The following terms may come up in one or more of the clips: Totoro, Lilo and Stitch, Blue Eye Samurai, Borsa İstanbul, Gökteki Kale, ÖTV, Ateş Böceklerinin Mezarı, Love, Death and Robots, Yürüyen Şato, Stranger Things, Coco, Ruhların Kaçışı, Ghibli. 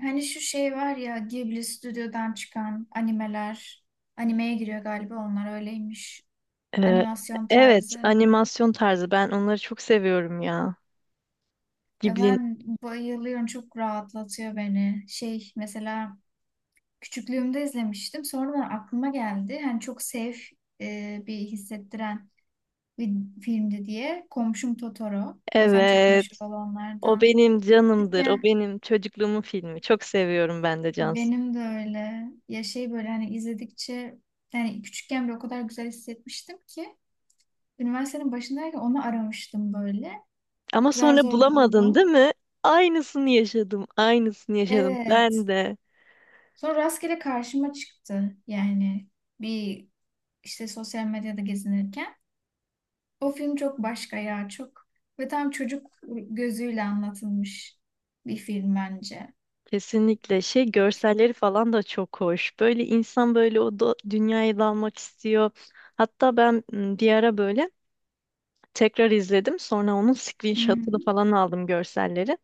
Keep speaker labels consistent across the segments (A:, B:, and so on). A: Hani şu şey var ya, Ghibli stüdyodan çıkan animeler. Animeye giriyor galiba, onlar öyleymiş.
B: Ee,
A: Animasyon
B: evet,
A: tarzı.
B: animasyon tarzı. Ben onları çok seviyorum ya.
A: Ya
B: Ghibli'nin.
A: ben bayılıyorum, çok rahatlatıyor beni. Şey, mesela küçüklüğümde izlemiştim. Sonra aklıma geldi. Hani çok safe bir hissettiren bir filmdi diye. Komşum Totoro. Zaten çok meşhur
B: Evet. O
A: olanlardan.
B: benim canımdır. O
A: Küçükken
B: benim çocukluğumun filmi. Çok seviyorum ben de Cansu.
A: benim de öyle. Ya şey, böyle hani izledikçe, yani küçükken bile o kadar güzel hissetmiştim ki. Üniversitenin başındayken onu aramıştım böyle.
B: Ama
A: Zar
B: sonra
A: zor
B: bulamadın değil
A: buldum.
B: mi? Aynısını yaşadım. Aynısını yaşadım. Ben
A: Evet.
B: de.
A: Sonra rastgele karşıma çıktı. Yani bir işte sosyal medyada gezinirken. O film çok başka ya, çok. Ve tam çocuk gözüyle anlatılmış bir film bence.
B: Kesinlikle şey görselleri falan da çok hoş. Böyle insan böyle o da, dünyaya dalmak istiyor. Hatta ben bir ara böyle tekrar izledim. Sonra onun
A: Hı
B: screenshot'ını
A: hı.
B: falan aldım görselleri.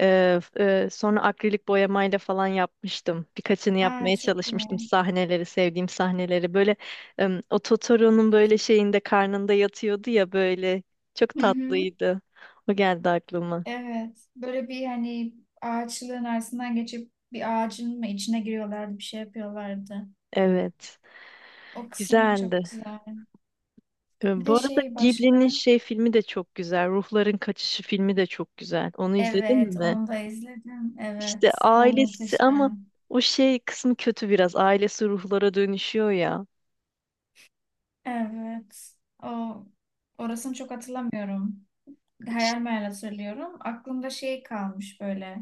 B: Ee, Sonra akrilik boyamayla falan yapmıştım. Birkaçını
A: Aa,
B: yapmaya
A: çok
B: çalışmıştım.
A: iyi.
B: Sahneleri, sevdiğim sahneleri. Böyle o Totoro'nun böyle şeyinde karnında yatıyordu ya böyle. Çok
A: Hı hı.
B: tatlıydı. O geldi aklıma.
A: Evet. Böyle bir, hani ağaçlığın arasından geçip bir ağacın mı içine giriyorlardı, bir şey yapıyorlardı.
B: Evet.
A: O kısmı çok
B: Güzeldi.
A: güzel. Bir
B: Bu
A: de
B: arada
A: şey
B: Ghibli'nin
A: başka.
B: şey filmi de çok güzel. Ruhların Kaçışı filmi de çok güzel. Onu izledin
A: Evet,
B: mi?
A: onu da izledim.
B: İşte
A: Evet, o
B: ailesi ama
A: muhteşem.
B: o şey kısmı kötü biraz. Ailesi ruhlara dönüşüyor ya.
A: Evet, o, orasını çok hatırlamıyorum. Hayal meyal hatırlıyorum. Aklımda şey kalmış böyle.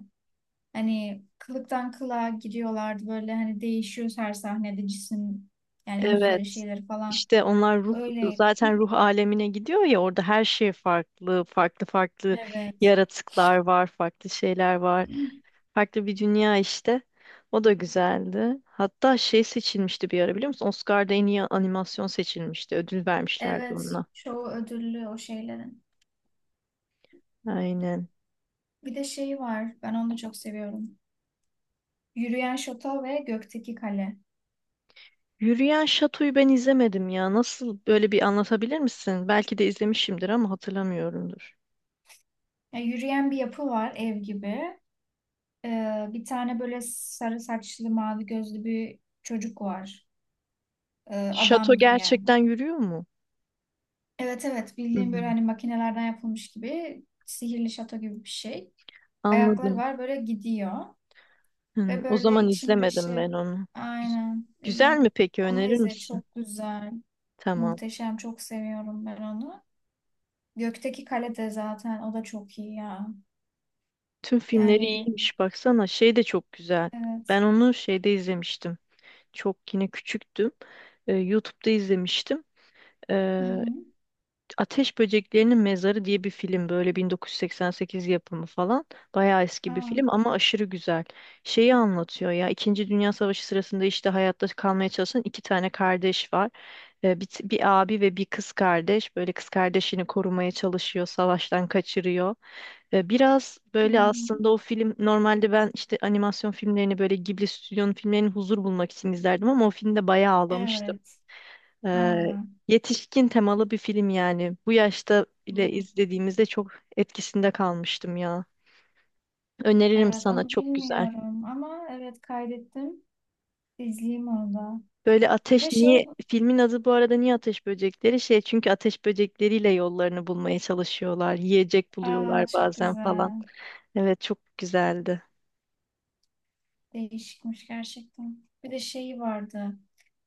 A: Hani kılıktan kılığa gidiyorlardı böyle, hani değişiyor her sahnede cisim, yani yüzleri
B: Evet.
A: şeyleri falan.
B: İşte onlar ruh
A: Öyleydi.
B: zaten ruh alemine gidiyor ya, orada her şey farklı, farklı farklı
A: Evet.
B: yaratıklar var, farklı şeyler var. Farklı bir dünya işte. O da güzeldi. Hatta şey seçilmişti bir ara, biliyor musun? Oscar'da en iyi animasyon seçilmişti. Ödül vermişlerdi
A: Evet,
B: ona.
A: çoğu ödüllü o şeylerin.
B: Aynen.
A: Bir de şeyi var, ben onu da çok seviyorum. Yürüyen Şato ve Gökteki Kale.
B: Yürüyen Şato'yu ben izlemedim ya. Nasıl, böyle bir anlatabilir misin? Belki de izlemişimdir ama hatırlamıyorumdur.
A: Yani yürüyen bir yapı var, ev gibi. Bir tane böyle sarı saçlı mavi gözlü bir çocuk var.
B: Şato
A: Adam gibi yani.
B: gerçekten yürüyor mu?
A: Evet evet, bildiğim böyle
B: Hmm,
A: hani makinelerden yapılmış gibi, sihirli şato gibi bir şey. Ayakları
B: anladım.
A: var, böyle gidiyor
B: Hmm,
A: ve
B: o
A: böyle
B: zaman
A: içinde
B: izlemedim
A: şey,
B: ben onu. Güz-
A: aynen,
B: Güzel
A: izle.
B: mi peki,
A: Onu da
B: önerir
A: izle,
B: misin?
A: çok güzel.
B: Tamam.
A: Muhteşem, çok seviyorum ben onu. Gökteki Kale de, zaten o da çok iyi ya.
B: Tüm filmleri
A: Yani
B: iyiymiş baksana. Şey de çok güzel.
A: evet.
B: Ben onu şeyde izlemiştim. Çok yine küçüktüm. YouTube'da izlemiştim.
A: Hı
B: Ee,
A: hı.
B: Ateş Böceklerinin Mezarı diye bir film, böyle 1988 yapımı falan. Bayağı eski bir
A: Aa,
B: film ama aşırı güzel. Şeyi anlatıyor ya, İkinci Dünya Savaşı sırasında işte hayatta kalmaya çalışan iki tane kardeş var. Bir abi ve bir kız kardeş, böyle kız kardeşini korumaya çalışıyor, savaştan kaçırıyor. Biraz
A: hı
B: böyle,
A: hı.
B: aslında o film, normalde ben işte animasyon filmlerini, böyle Ghibli stüdyonun filmlerini huzur bulmak için izlerdim ama o filmde bayağı ağlamıştım.
A: Evet.
B: Ee,
A: Aa.
B: Yetişkin temalı bir film yani. Bu yaşta bile
A: Hı.
B: izlediğimizde çok etkisinde kalmıştım ya. Öneririm
A: Evet,
B: sana,
A: onu
B: çok güzel.
A: bilmiyorum ama evet, kaydettim. İzleyeyim onu da.
B: Böyle
A: Bir de
B: ateş
A: şey,
B: niye filmin adı bu arada, niye ateş böcekleri şey, çünkü ateş böcekleriyle yollarını bulmaya çalışıyorlar. Yiyecek buluyorlar
A: aa çok
B: bazen falan.
A: güzel.
B: Evet, çok güzeldi.
A: Değişikmiş gerçekten. Bir de şey vardı.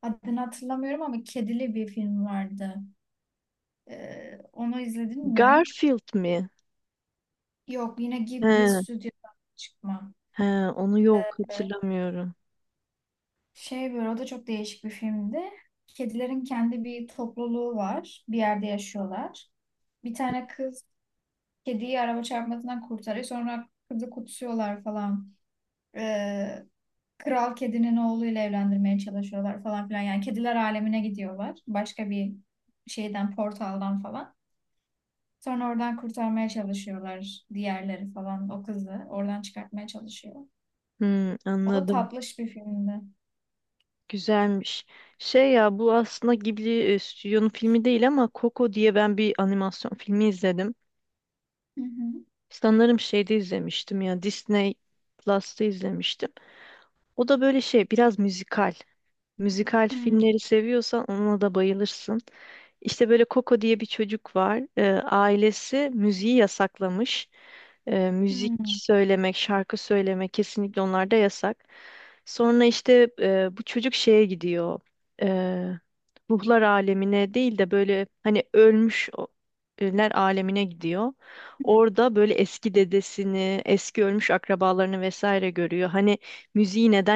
A: Adını hatırlamıyorum ama kedili bir film vardı. Onu izledin mi?
B: Garfield mi?
A: Yok, yine Ghibli
B: He,
A: Stüdyo'dan çıkma.
B: he, onu yok
A: Ee,
B: hatırlamıyorum.
A: şey böyle, o da çok değişik bir filmdi. Kedilerin kendi bir topluluğu var. Bir yerde yaşıyorlar. Bir tane kız kediyi araba çarpmasından kurtarıyor. Sonra kızı kutsuyorlar falan. Ee, kral kedinin oğluyla evlendirmeye çalışıyorlar falan filan. Yani kediler alemine gidiyorlar. Başka bir şeyden, portaldan falan. Sonra oradan kurtarmaya çalışıyorlar diğerleri falan. O kızı oradan çıkartmaya çalışıyor.
B: Hmm,
A: O da
B: anladım.
A: tatlış bir filmdi.
B: Güzelmiş. Şey ya, bu aslında Ghibli stüdyonun filmi değil ama Coco diye ben bir animasyon filmi izledim.
A: Hı hı.
B: Sanırım şeyde izlemiştim ya, Disney Plus'ta izlemiştim. O da böyle şey, biraz müzikal. Müzikal
A: Hmm.
B: filmleri seviyorsan ona da bayılırsın. İşte böyle Coco diye bir çocuk var. Ailesi müziği yasaklamış. Müzik
A: Hmm.
B: söylemek, şarkı söylemek kesinlikle onlarda yasak. Sonra işte bu çocuk şeye gidiyor. Ee, Ruhlar alemine değil de, böyle hani ölmüş ölüler alemine gidiyor. Orada böyle eski dedesini, eski ölmüş akrabalarını vesaire görüyor. Hani müziği neden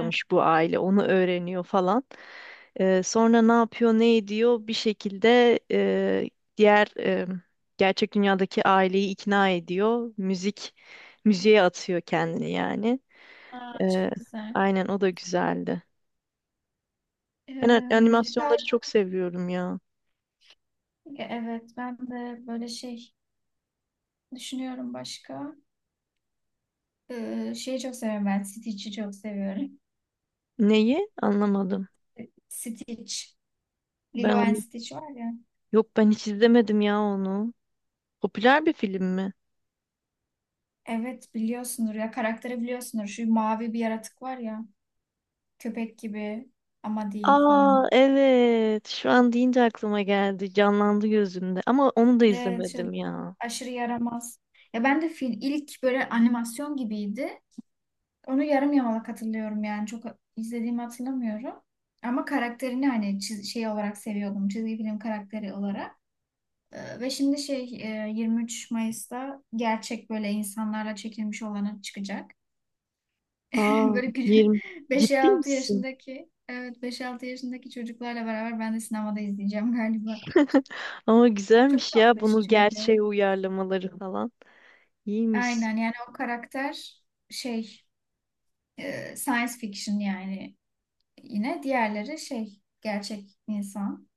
A: Evet.
B: bu aile, onu öğreniyor falan. Sonra ne yapıyor, ne ediyor, bir şekilde diğer, gerçek dünyadaki aileyi ikna ediyor. Müzik, müziğe atıyor kendini yani.
A: Aa,
B: Ee,
A: çok güzel.
B: aynen, o da güzeldi.
A: Ee,
B: Ben
A: müzikal,
B: animasyonları çok seviyorum ya.
A: evet ben de böyle şey düşünüyorum başka. Şeyi çok seviyorum ben. Stitch'i çok seviyorum.
B: Neyi? Anlamadım.
A: Stitch.
B: Ben
A: Lilo and
B: onu
A: Stitch var ya.
B: Yok, ben hiç izlemedim ya onu. Popüler bir film mi?
A: Evet, biliyorsundur ya. Karakteri biliyorsundur. Şu mavi bir yaratık var ya. Köpek gibi ama değil
B: Aa
A: falan.
B: evet. Şu an deyince aklıma geldi. Canlandı gözümde. Ama onu da
A: Evet, şöyle
B: izlemedim ya.
A: aşırı yaramaz. Ya ben de film ilk böyle animasyon gibiydi. Onu yarım yamalak hatırlıyorum yani. Çok izlediğimi hatırlamıyorum. Ama karakterini hani şey olarak seviyordum. Çizgi film karakteri olarak. Ve şimdi şey, 23 Mayıs'ta gerçek, böyle insanlarla çekilmiş olanı çıkacak.
B: Aa,
A: Böyle
B: 20.
A: 5
B: Ciddi
A: altı
B: misin?
A: yaşındaki, evet, beş altı yaşındaki çocuklarla beraber ben de sinemada izleyeceğim galiba.
B: Ama
A: Çok
B: güzelmiş ya,
A: tatlı iş
B: bunu
A: çünkü.
B: gerçeğe uyarlamaları falan. İyiymiş.
A: Aynen yani o karakter, şey, science fiction, yani yine diğerleri şey, gerçek insan.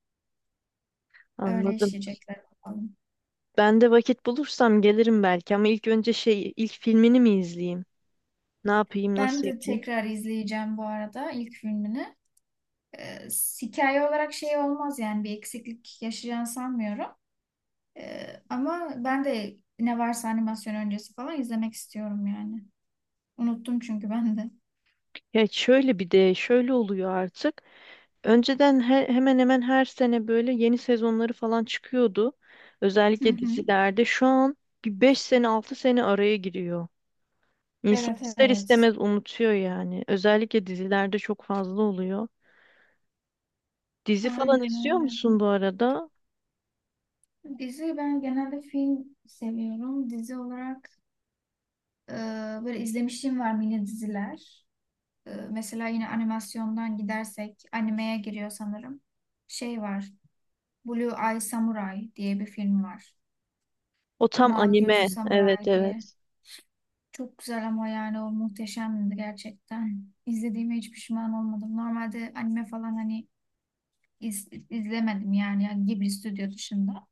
A: Öyle
B: Anladım.
A: işleyecekler bakalım.
B: Ben de vakit bulursam gelirim belki ama ilk önce şey, ilk filmini mi izleyeyim? Ne yapayım,
A: Ben
B: nasıl
A: de
B: yapayım?
A: tekrar izleyeceğim bu arada ilk filmini. E, hikaye olarak şey olmaz, yani bir eksiklik yaşayacağını sanmıyorum. Ama ben de ne varsa animasyon öncesi falan izlemek istiyorum yani. Unuttum çünkü ben de.
B: Ya şöyle, bir de şöyle oluyor artık. Önceden hemen hemen her sene böyle yeni sezonları falan çıkıyordu.
A: Hı
B: Özellikle
A: hı.
B: dizilerde. Şu an bir 5 sene, 6 sene araya giriyor. İnsan
A: Evet
B: ister
A: evet.
B: istemez unutuyor yani. Özellikle dizilerde çok fazla oluyor. Dizi falan
A: Aynen
B: izliyor
A: öyle.
B: musun bu arada?
A: Dizi, ben genelde film seviyorum. Dizi olarak e, böyle izlemişliğim var, mini diziler. Mesela yine animasyondan gidersek animeye giriyor sanırım. Şey var. Blue Eye Samurai diye bir film var.
B: O tam
A: Mavi
B: anime.
A: Gözlü
B: Evet,
A: Samurai diye.
B: evet.
A: Çok güzel, ama yani o muhteşemdi gerçekten. İzlediğime hiç pişman olmadım. Normalde anime falan hani izlemedim yani, yani Ghibli stüdyo dışında.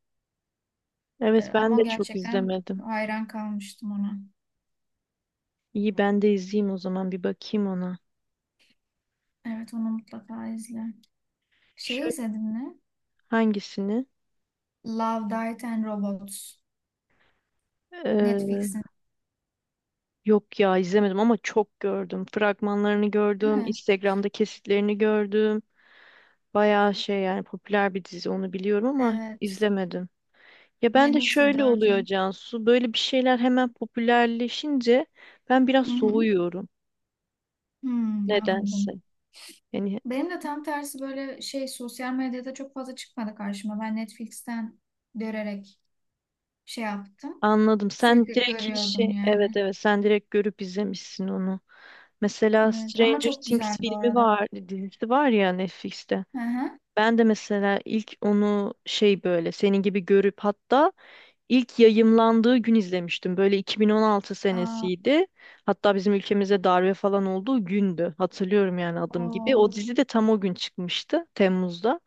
B: Evet, ben
A: Ama
B: de çok
A: gerçekten
B: izlemedim.
A: hayran kalmıştım ona.
B: İyi, ben de izleyeyim o zaman, bir bakayım ona.
A: Evet, onu mutlaka izle.
B: Şu,
A: Şey izledin mi?
B: hangisini?
A: Love, Death and Robots.
B: Ee,
A: Netflix'in
B: Yok ya, izlemedim ama çok gördüm. Fragmanlarını
A: değil
B: gördüm.
A: mi?
B: Instagram'da kesitlerini gördüm. Bayağı şey yani, popüler bir dizi onu biliyorum ama
A: Evet.
B: izlemedim. Ya ben de
A: Yeni işte
B: şöyle oluyor
A: dördün.
B: Cansu. Böyle bir şeyler hemen popülerleşince ben biraz
A: Hı hı.
B: soğuyorum.
A: Hmm,
B: Nedense.
A: anladım.
B: Yani.
A: Benim de tam tersi, böyle şey sosyal medyada çok fazla çıkmadı karşıma. Ben Netflix'ten görerek şey yaptım.
B: Anladım. Sen
A: Sürekli
B: direkt, hiç
A: görüyordum
B: şey,
A: yani.
B: evet evet, sen direkt görüp izlemişsin onu. Mesela
A: Evet, ama
B: Stranger
A: çok güzel
B: Things
A: bu
B: filmi
A: arada.
B: var, dizisi var ya, Netflix'te.
A: Hı hı.
B: Ben de mesela ilk onu şey, böyle senin gibi görüp, hatta ilk yayımlandığı gün izlemiştim. Böyle 2016
A: Aa,
B: senesiydi. Hatta bizim ülkemizde darbe falan olduğu gündü. Hatırlıyorum yani
A: o.
B: adım gibi. O dizi de tam o gün çıkmıştı, Temmuz'da.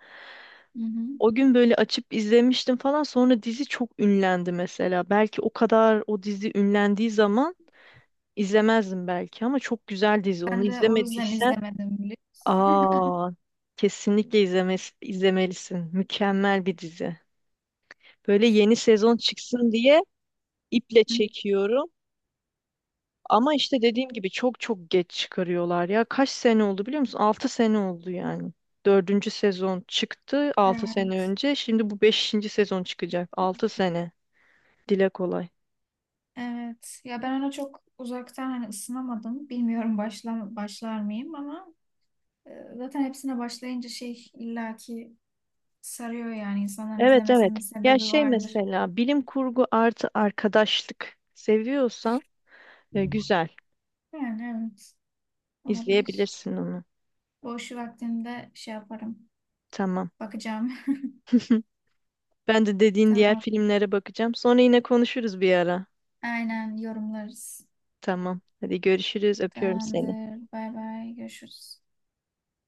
A: Hı hı.
B: O gün böyle açıp izlemiştim falan. Sonra dizi çok ünlendi mesela. Belki o kadar, o dizi ünlendiği zaman izlemezdim belki ama çok güzel dizi. Onu
A: Ben de o yüzden
B: izlemediysen,
A: izlemedim, biliyor musun?
B: aa, kesinlikle izlemelisin. Mükemmel bir dizi. Böyle yeni sezon çıksın diye iple
A: Hı.
B: çekiyorum. Ama işte dediğim gibi çok çok geç çıkarıyorlar ya. Kaç sene oldu biliyor musun? 6 sene oldu yani. Dördüncü sezon çıktı 6 sene
A: Evet.
B: önce. Şimdi bu beşinci sezon çıkacak. 6 sene. Dile kolay.
A: Evet. Ya ben ona çok uzaktan hani ısınamadım. Bilmiyorum, başlar mıyım ama e, zaten hepsine başlayınca şey illaki sarıyor, yani insanların
B: Evet, evet.
A: izlemesinin bir
B: Ya
A: sebebi
B: şey. Evet.
A: vardır.
B: Mesela bilim kurgu artı arkadaşlık seviyorsan, güzel.
A: Yani evet, olabilir.
B: İzleyebilirsin onu.
A: Boş vaktimde şey yaparım.
B: Tamam.
A: Bakacağım.
B: Ben de dediğin diğer
A: Tamam.
B: filmlere bakacağım. Sonra yine konuşuruz bir ara.
A: Aynen, yorumlarız.
B: Tamam. Hadi görüşürüz. Öpüyorum seni.
A: Tamamdır. Bay bay. Görüşürüz.